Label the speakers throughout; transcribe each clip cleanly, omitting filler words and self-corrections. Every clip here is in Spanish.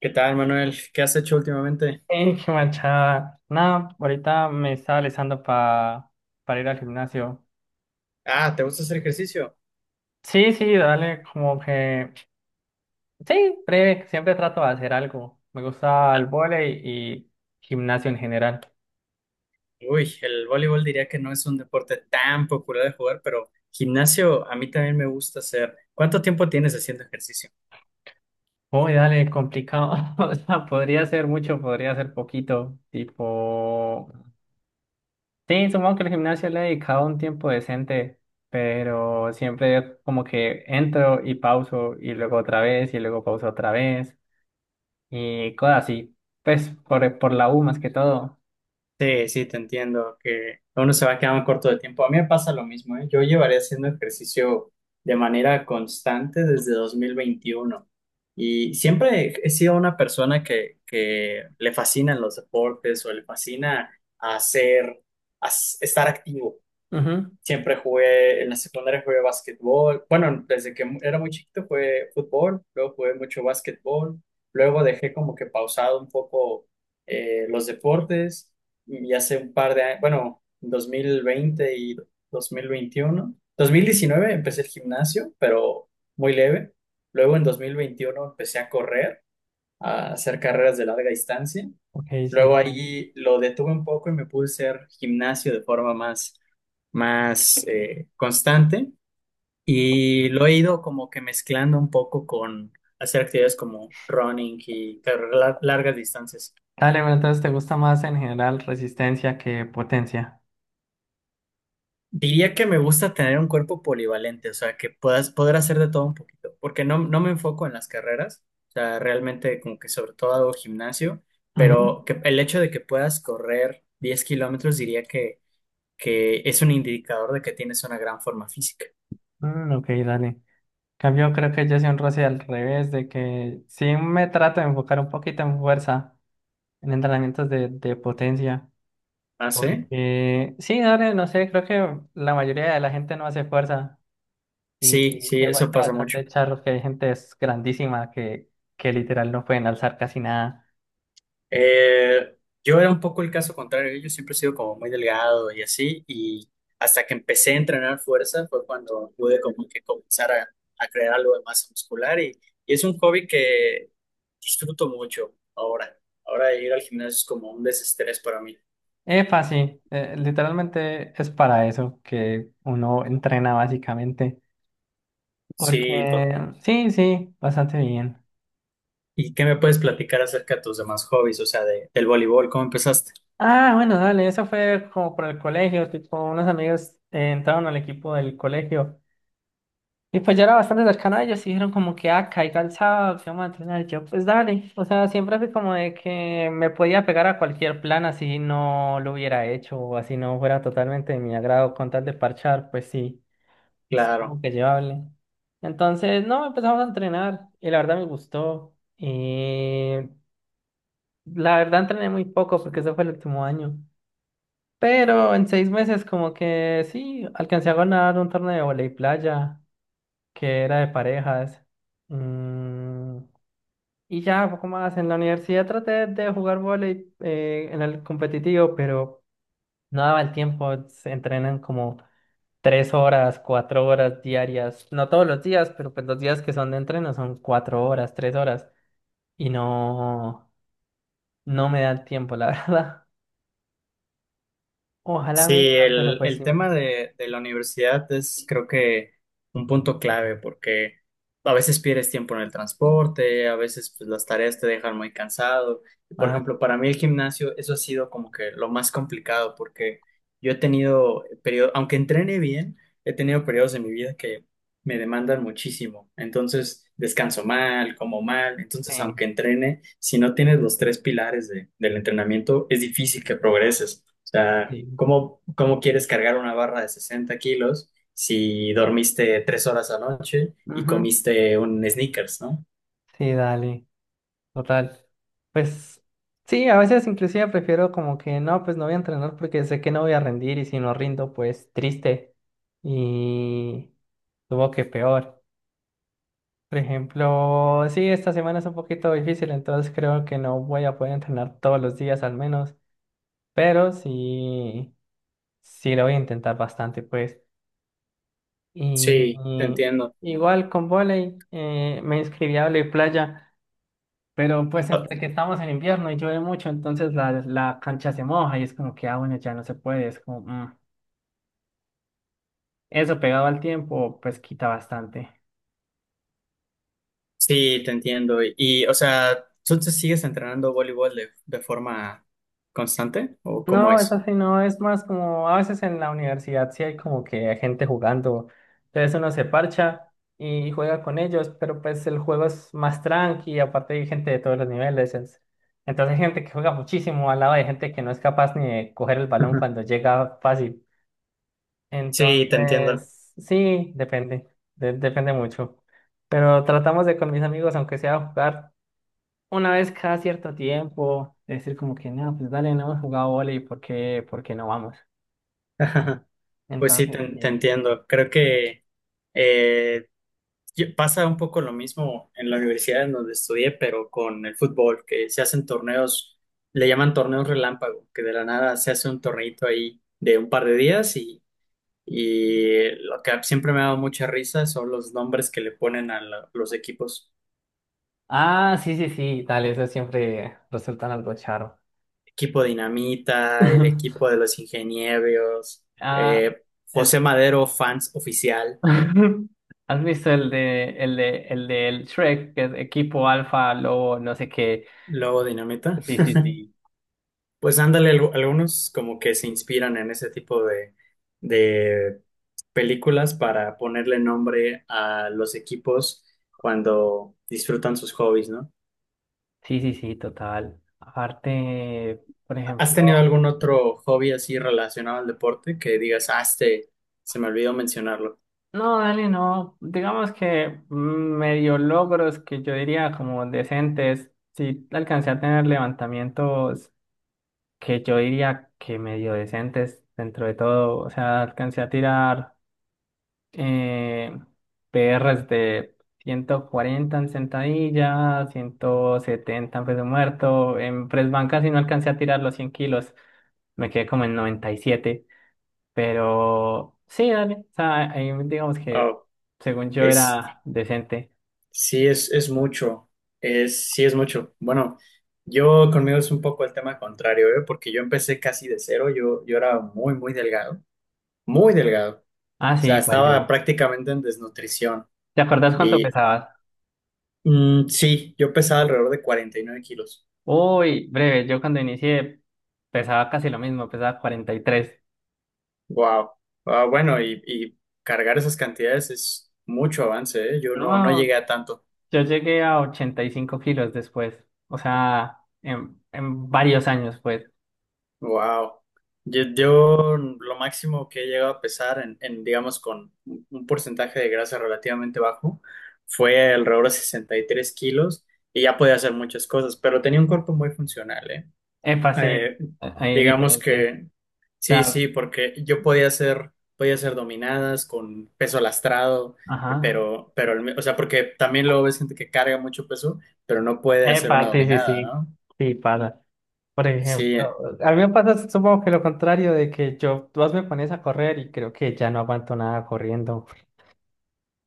Speaker 1: ¿Qué tal, Manuel? ¿Qué has hecho últimamente?
Speaker 2: Qué manchada. Nada, ahorita me estaba alistando para ir al gimnasio.
Speaker 1: Ah, ¿te gusta hacer ejercicio?
Speaker 2: Sí, sí, dale, como que. Sí, breve, siempre trato de hacer algo. Me gusta
Speaker 1: Ah,
Speaker 2: el vóley y gimnasio en general.
Speaker 1: uy, el voleibol diría que no es un deporte tan popular de jugar, pero gimnasio a mí también me gusta hacer. ¿Cuánto tiempo tienes haciendo ejercicio?
Speaker 2: Uy, dale, complicado. O sea, podría ser mucho, podría ser poquito. Tipo. Sí, supongo que el gimnasio le he dedicado un tiempo decente, pero siempre como que entro y pauso y luego otra vez y luego pauso otra vez. Y cosas así. Pues por la U más que todo.
Speaker 1: Sí, sí, te entiendo que uno se va quedando corto de tiempo. A mí me pasa lo mismo, ¿eh? Yo llevaré haciendo ejercicio de manera constante desde 2021 y siempre he sido una persona que le fascinan los deportes o le fascina hacer, estar activo.
Speaker 2: Ujú,
Speaker 1: Siempre jugué, en la secundaria jugué básquetbol. Bueno, desde que era muy chiquito jugué fútbol, luego jugué mucho básquetbol, luego dejé como que pausado un poco los deportes y hace un par de años, bueno, 2020 y 2021. 2019 empecé el gimnasio, pero muy leve. Luego en 2021 empecé a correr, a hacer carreras de larga distancia.
Speaker 2: ok,
Speaker 1: Luego
Speaker 2: sí.
Speaker 1: ahí lo detuve un poco y me puse a hacer gimnasio de forma más constante y lo he ido como que mezclando un poco con hacer actividades como running y carreras largas distancias.
Speaker 2: Dale, pero entonces te gusta más en general resistencia que potencia.
Speaker 1: Diría que me gusta tener un cuerpo polivalente, o sea, que puedas poder hacer de todo un poquito, porque no, no me enfoco en las carreras, o sea, realmente como que sobre todo hago gimnasio,
Speaker 2: Ujú,
Speaker 1: pero que el hecho de que puedas correr 10 kilómetros diría que es un indicador de que tienes una gran forma física.
Speaker 2: mm, ok, dale. En cambio, creo que yo soy un roce al revés, de que sí me trato de enfocar un poquito en fuerza, en entrenamientos de potencia.
Speaker 1: ¿Ah, sí?
Speaker 2: Porque sí, dale, no sé, creo que la mayoría de la gente no hace fuerza. Y
Speaker 1: Sí, sí,
Speaker 2: me
Speaker 1: eso
Speaker 2: parece
Speaker 1: pasa mucho.
Speaker 2: bastante charro que hay gente es grandísima que literal no pueden alzar casi nada.
Speaker 1: Eh, yo era un poco el caso contrario, yo siempre he sido como muy delgado y así, y hasta que empecé a entrenar fuerza fue cuando pude como que comenzar a crear algo de masa muscular y es un hobby que disfruto mucho ahora. Ahora ir al gimnasio es como un desestrés para mí.
Speaker 2: Es fácil, literalmente es para eso que uno entrena básicamente.
Speaker 1: Sí.
Speaker 2: Porque sí, sí, bastante bien.
Speaker 1: ¿Y qué me puedes platicar acerca de tus demás hobbies? O sea, de, del voleibol, ¿cómo empezaste?
Speaker 2: Ah, bueno, dale, eso fue como por el colegio, tipo, unos amigos entraron al equipo del colegio y pues yo era bastante cercano a ellos y dijeron como que, ah, caiga el sábado, que vamos a entrenar. Yo, pues dale, o sea, siempre fui como de que me podía pegar a cualquier plan así no lo hubiera hecho o así no fuera totalmente de mi agrado con tal de parchar, pues sí.
Speaker 1: Claro.
Speaker 2: Supongo que llevable. Entonces, no, empezamos a entrenar y la verdad me gustó. La verdad entrené muy poco porque ese fue el último año. Pero en 6 meses como que sí, alcancé a ganar un torneo de voley playa que era de parejas. Mm, y ya, poco más. En la universidad traté de jugar voley en el competitivo, pero no daba el tiempo. Se entrenan como 3 horas, 4 horas diarias, no todos los días, pero pues los días que son de entreno son 4 horas, 3 horas, y no, no me da el tiempo, la verdad. Ojalá
Speaker 1: Sí,
Speaker 2: me digan, pero pues
Speaker 1: el
Speaker 2: sí.
Speaker 1: tema de la universidad es creo que un punto clave porque a veces pierdes tiempo en el transporte, a veces pues, las tareas te dejan muy cansado. Y, por
Speaker 2: Ah,
Speaker 1: ejemplo, para mí el gimnasio, eso ha sido como que lo más complicado porque yo he tenido periodos, aunque entrene bien, he tenido periodos en mi vida que me demandan muchísimo. Entonces descanso mal, como mal. Entonces,
Speaker 2: sí,
Speaker 1: aunque entrene, si no tienes los tres pilares del entrenamiento, es difícil que progreses sea,
Speaker 2: sí.
Speaker 1: ¿cómo, cómo quieres cargar una barra de 60 kilos si dormiste 3 horas anoche y
Speaker 2: Ujú.
Speaker 1: comiste un Snickers, ¿no?
Speaker 2: Sí, dale, total. Pues sí, a veces inclusive prefiero como que no, pues no voy a entrenar porque sé que no voy a rendir y si no rindo, pues triste y tuvo que peor. Por ejemplo, sí, esta semana es un poquito difícil, entonces creo que no voy a poder entrenar todos los días al menos, pero sí, sí lo voy a intentar bastante, pues. Y,
Speaker 1: Sí, te entiendo.
Speaker 2: y igual con volei, me inscribí a volei playa, pero pues
Speaker 1: Ah,
Speaker 2: entre que estamos en invierno y llueve mucho, entonces la cancha se moja y es como que, ah, bueno, ya no se puede, es como, mm. Eso pegado al tiempo, pues quita bastante.
Speaker 1: sí, te entiendo. Y, o sea, ¿tú te sigues entrenando voleibol de forma constante o cómo
Speaker 2: No, es
Speaker 1: es?
Speaker 2: así, no, es más como a veces en la universidad sí hay como que hay gente jugando, entonces uno se parcha y juega con ellos, pero pues el juego es más tranqui, aparte hay gente de todos los niveles, entonces hay gente que juega muchísimo al lado de gente que no es capaz ni de coger el balón
Speaker 1: Ujú.
Speaker 2: cuando llega fácil,
Speaker 1: Sí, te entiendo.
Speaker 2: entonces sí, depende, depende mucho, pero tratamos de con mis amigos, aunque sea jugar una vez cada cierto tiempo, decir como que, no, pues dale, no hemos jugado vóley, por qué no vamos?
Speaker 1: Pues sí, te,
Speaker 2: Entonces,
Speaker 1: te
Speaker 2: sí.
Speaker 1: entiendo. Creo que eh, y pasa un poco lo mismo en la universidad en donde estudié, pero con el fútbol, que se hacen torneos, le llaman torneos relámpago, que de la nada se hace un torneito ahí de un par de días y lo que siempre me ha dado mucha risa son los nombres que le ponen a los equipos.
Speaker 2: Ah, sí, sí, sí, dale, eso siempre resulta en algo charo.
Speaker 1: Equipo Dinamita, el equipo de los ingenieros,
Speaker 2: Ah,
Speaker 1: eh, José
Speaker 2: el...
Speaker 1: Madero, fans oficial,
Speaker 2: ¿Has visto el de, el de, el del Shrek, que es equipo alfa, lobo, no sé qué?
Speaker 1: luego Dinamita.
Speaker 2: Sí, sí, sí.
Speaker 1: Pues ándale, algunos como que se inspiran en ese tipo de películas para ponerle nombre a los equipos cuando disfrutan sus hobbies, ¿no?
Speaker 2: Sí, sí, sí, total. Aparte, por
Speaker 1: ¿Has tenido
Speaker 2: ejemplo.
Speaker 1: algún otro hobby así relacionado al deporte que digas, ah, este, se me olvidó mencionarlo?
Speaker 2: No, Dani, no. Digamos que medio logros que yo diría como decentes. Sí, alcancé a tener levantamientos que yo diría que medio decentes dentro de todo. O sea, alcancé a tirar eh, PRs de 140 en sentadilla, 170 en peso muerto. En press banca, si no alcancé a tirar los 100 kilos, me quedé como en 97. Pero sí, dale. O sea, ahí digamos que
Speaker 1: Oh,
Speaker 2: según yo
Speaker 1: es,
Speaker 2: era decente.
Speaker 1: sí, es mucho, es, sí, es mucho. Bueno, yo conmigo es un poco el tema contrario, ¿eh? Porque yo empecé casi de cero, yo era muy, muy delgado, muy delgado. O
Speaker 2: Ah, sí,
Speaker 1: sea,
Speaker 2: igual
Speaker 1: estaba
Speaker 2: yo.
Speaker 1: prácticamente en desnutrición
Speaker 2: ¿Te acordás cuánto
Speaker 1: y
Speaker 2: pesabas?
Speaker 1: sí, yo pesaba alrededor de 49 kilos.
Speaker 2: Uy, breve, yo cuando inicié pesaba casi lo mismo, pesaba 43.
Speaker 1: Wow. Ah, bueno, y cargar esas cantidades es mucho avance, ¿eh? Yo no, no
Speaker 2: No,
Speaker 1: llegué a tanto.
Speaker 2: yo llegué a 85 kilos después. O sea, en varios años, pues.
Speaker 1: Wow. Yo lo máximo que he llegado a pesar en, digamos, con un porcentaje de grasa relativamente bajo fue alrededor de 63 kilos y ya podía hacer muchas cosas, pero tenía un cuerpo muy funcional, ¿eh?
Speaker 2: Epa, sí,
Speaker 1: Eh,
Speaker 2: ahí
Speaker 1: digamos
Speaker 2: diferente. O
Speaker 1: que sí,
Speaker 2: sea,
Speaker 1: sí, porque yo podía hacer dominadas con peso lastrado,
Speaker 2: ajá.
Speaker 1: pero, o sea, porque también luego ves gente que carga mucho peso, pero no puede hacer una
Speaker 2: Epa, sí, sí,
Speaker 1: dominada,
Speaker 2: sí.
Speaker 1: ¿no?
Speaker 2: Sí, pasa. Por
Speaker 1: Sí,
Speaker 2: ejemplo, a mí me pasa, supongo que lo contrario de que yo, vos me pones a correr y creo que ya no aguanto nada corriendo.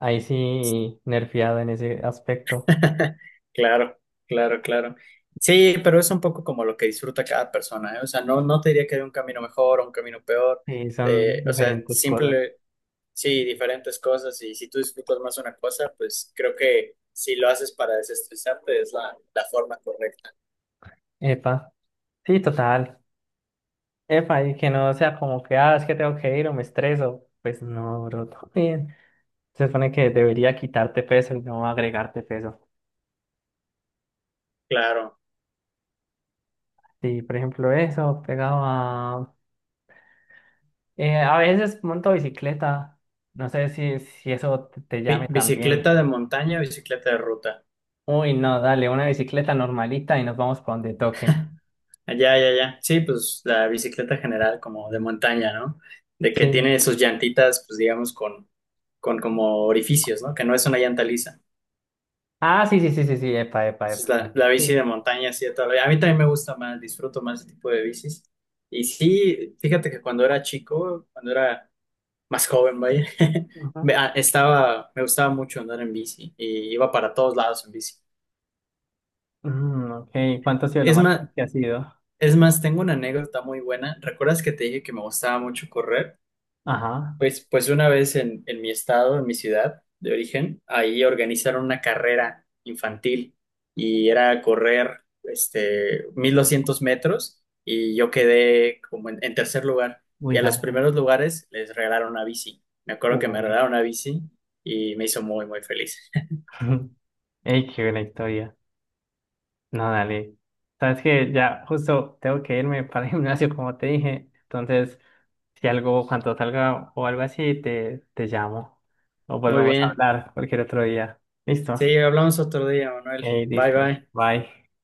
Speaker 2: Ahí sí, nerfeado en ese aspecto.
Speaker 1: claro, claro, claro. Sí, pero es un poco como lo que disfruta cada persona, ¿eh? O sea, no, no te diría que hay un camino mejor o un camino peor.
Speaker 2: Sí, son
Speaker 1: O sea,
Speaker 2: diferentes cosas.
Speaker 1: simple, sí, diferentes cosas y si tú disfrutas más una cosa, pues creo que si lo haces para desestresarte es la forma correcta.
Speaker 2: Epa, sí, total. Epa, y que no sea como que, ah, es que tengo que ir o me estreso. Pues no, bro, todo bien. Se supone que debería quitarte peso y no agregarte peso.
Speaker 1: Claro.
Speaker 2: Sí, por ejemplo, eso, pegado a veces monto bicicleta. No sé si eso te llame
Speaker 1: Bicicleta
Speaker 2: también.
Speaker 1: de montaña, o bicicleta de ruta.
Speaker 2: Uy, no, dale, una bicicleta normalita y nos vamos para donde toque.
Speaker 1: Allá, ya, ya. Sí, pues la bicicleta general como de montaña, ¿no? De que
Speaker 2: Sí.
Speaker 1: tiene sus llantitas, pues digamos, con como orificios, ¿no? Que no es una llanta lisa.
Speaker 2: Ah, sí, sí, sí, sí, sí, epa, epa,
Speaker 1: Esa es
Speaker 2: epa.
Speaker 1: la bici de
Speaker 2: Sí.
Speaker 1: montaña, sí, todavía. A mí también me gusta más, disfruto más ese tipo de bicis. Y sí, fíjate que cuando era chico, cuando era más joven, vaya.
Speaker 2: Ajá.
Speaker 1: Estaba, me gustaba mucho andar en bici y iba para todos lados en bici.
Speaker 2: Mm, ok. ¿Cuánto ha sido lo
Speaker 1: Es
Speaker 2: más largo
Speaker 1: más,
Speaker 2: que ha sido?
Speaker 1: es más, tengo una anécdota muy buena. ¿Recuerdas que te dije que me gustaba mucho correr?
Speaker 2: Ajá.
Speaker 1: Pues, pues una vez en mi estado, en mi ciudad de origen, ahí organizaron una carrera infantil y era correr este, 1.200 metros y yo quedé como en tercer lugar. Y
Speaker 2: Uy,
Speaker 1: a los
Speaker 2: dale.
Speaker 1: primeros lugares les regalaron una bici. Me acuerdo que me
Speaker 2: Uy.
Speaker 1: regalaron una bici y me hizo muy, muy feliz.
Speaker 2: Ey, qué buena historia. No, dale. Sabes que ya justo tengo que irme para el gimnasio, como te dije. Entonces, si algo, cuando salga o algo así, te llamo. O
Speaker 1: Muy
Speaker 2: volvemos a
Speaker 1: bien.
Speaker 2: hablar cualquier otro día.
Speaker 1: Sí,
Speaker 2: ¿Listo?
Speaker 1: hablamos otro día, Manuel.
Speaker 2: Ey,
Speaker 1: Bye,
Speaker 2: listo.
Speaker 1: bye.
Speaker 2: Bye.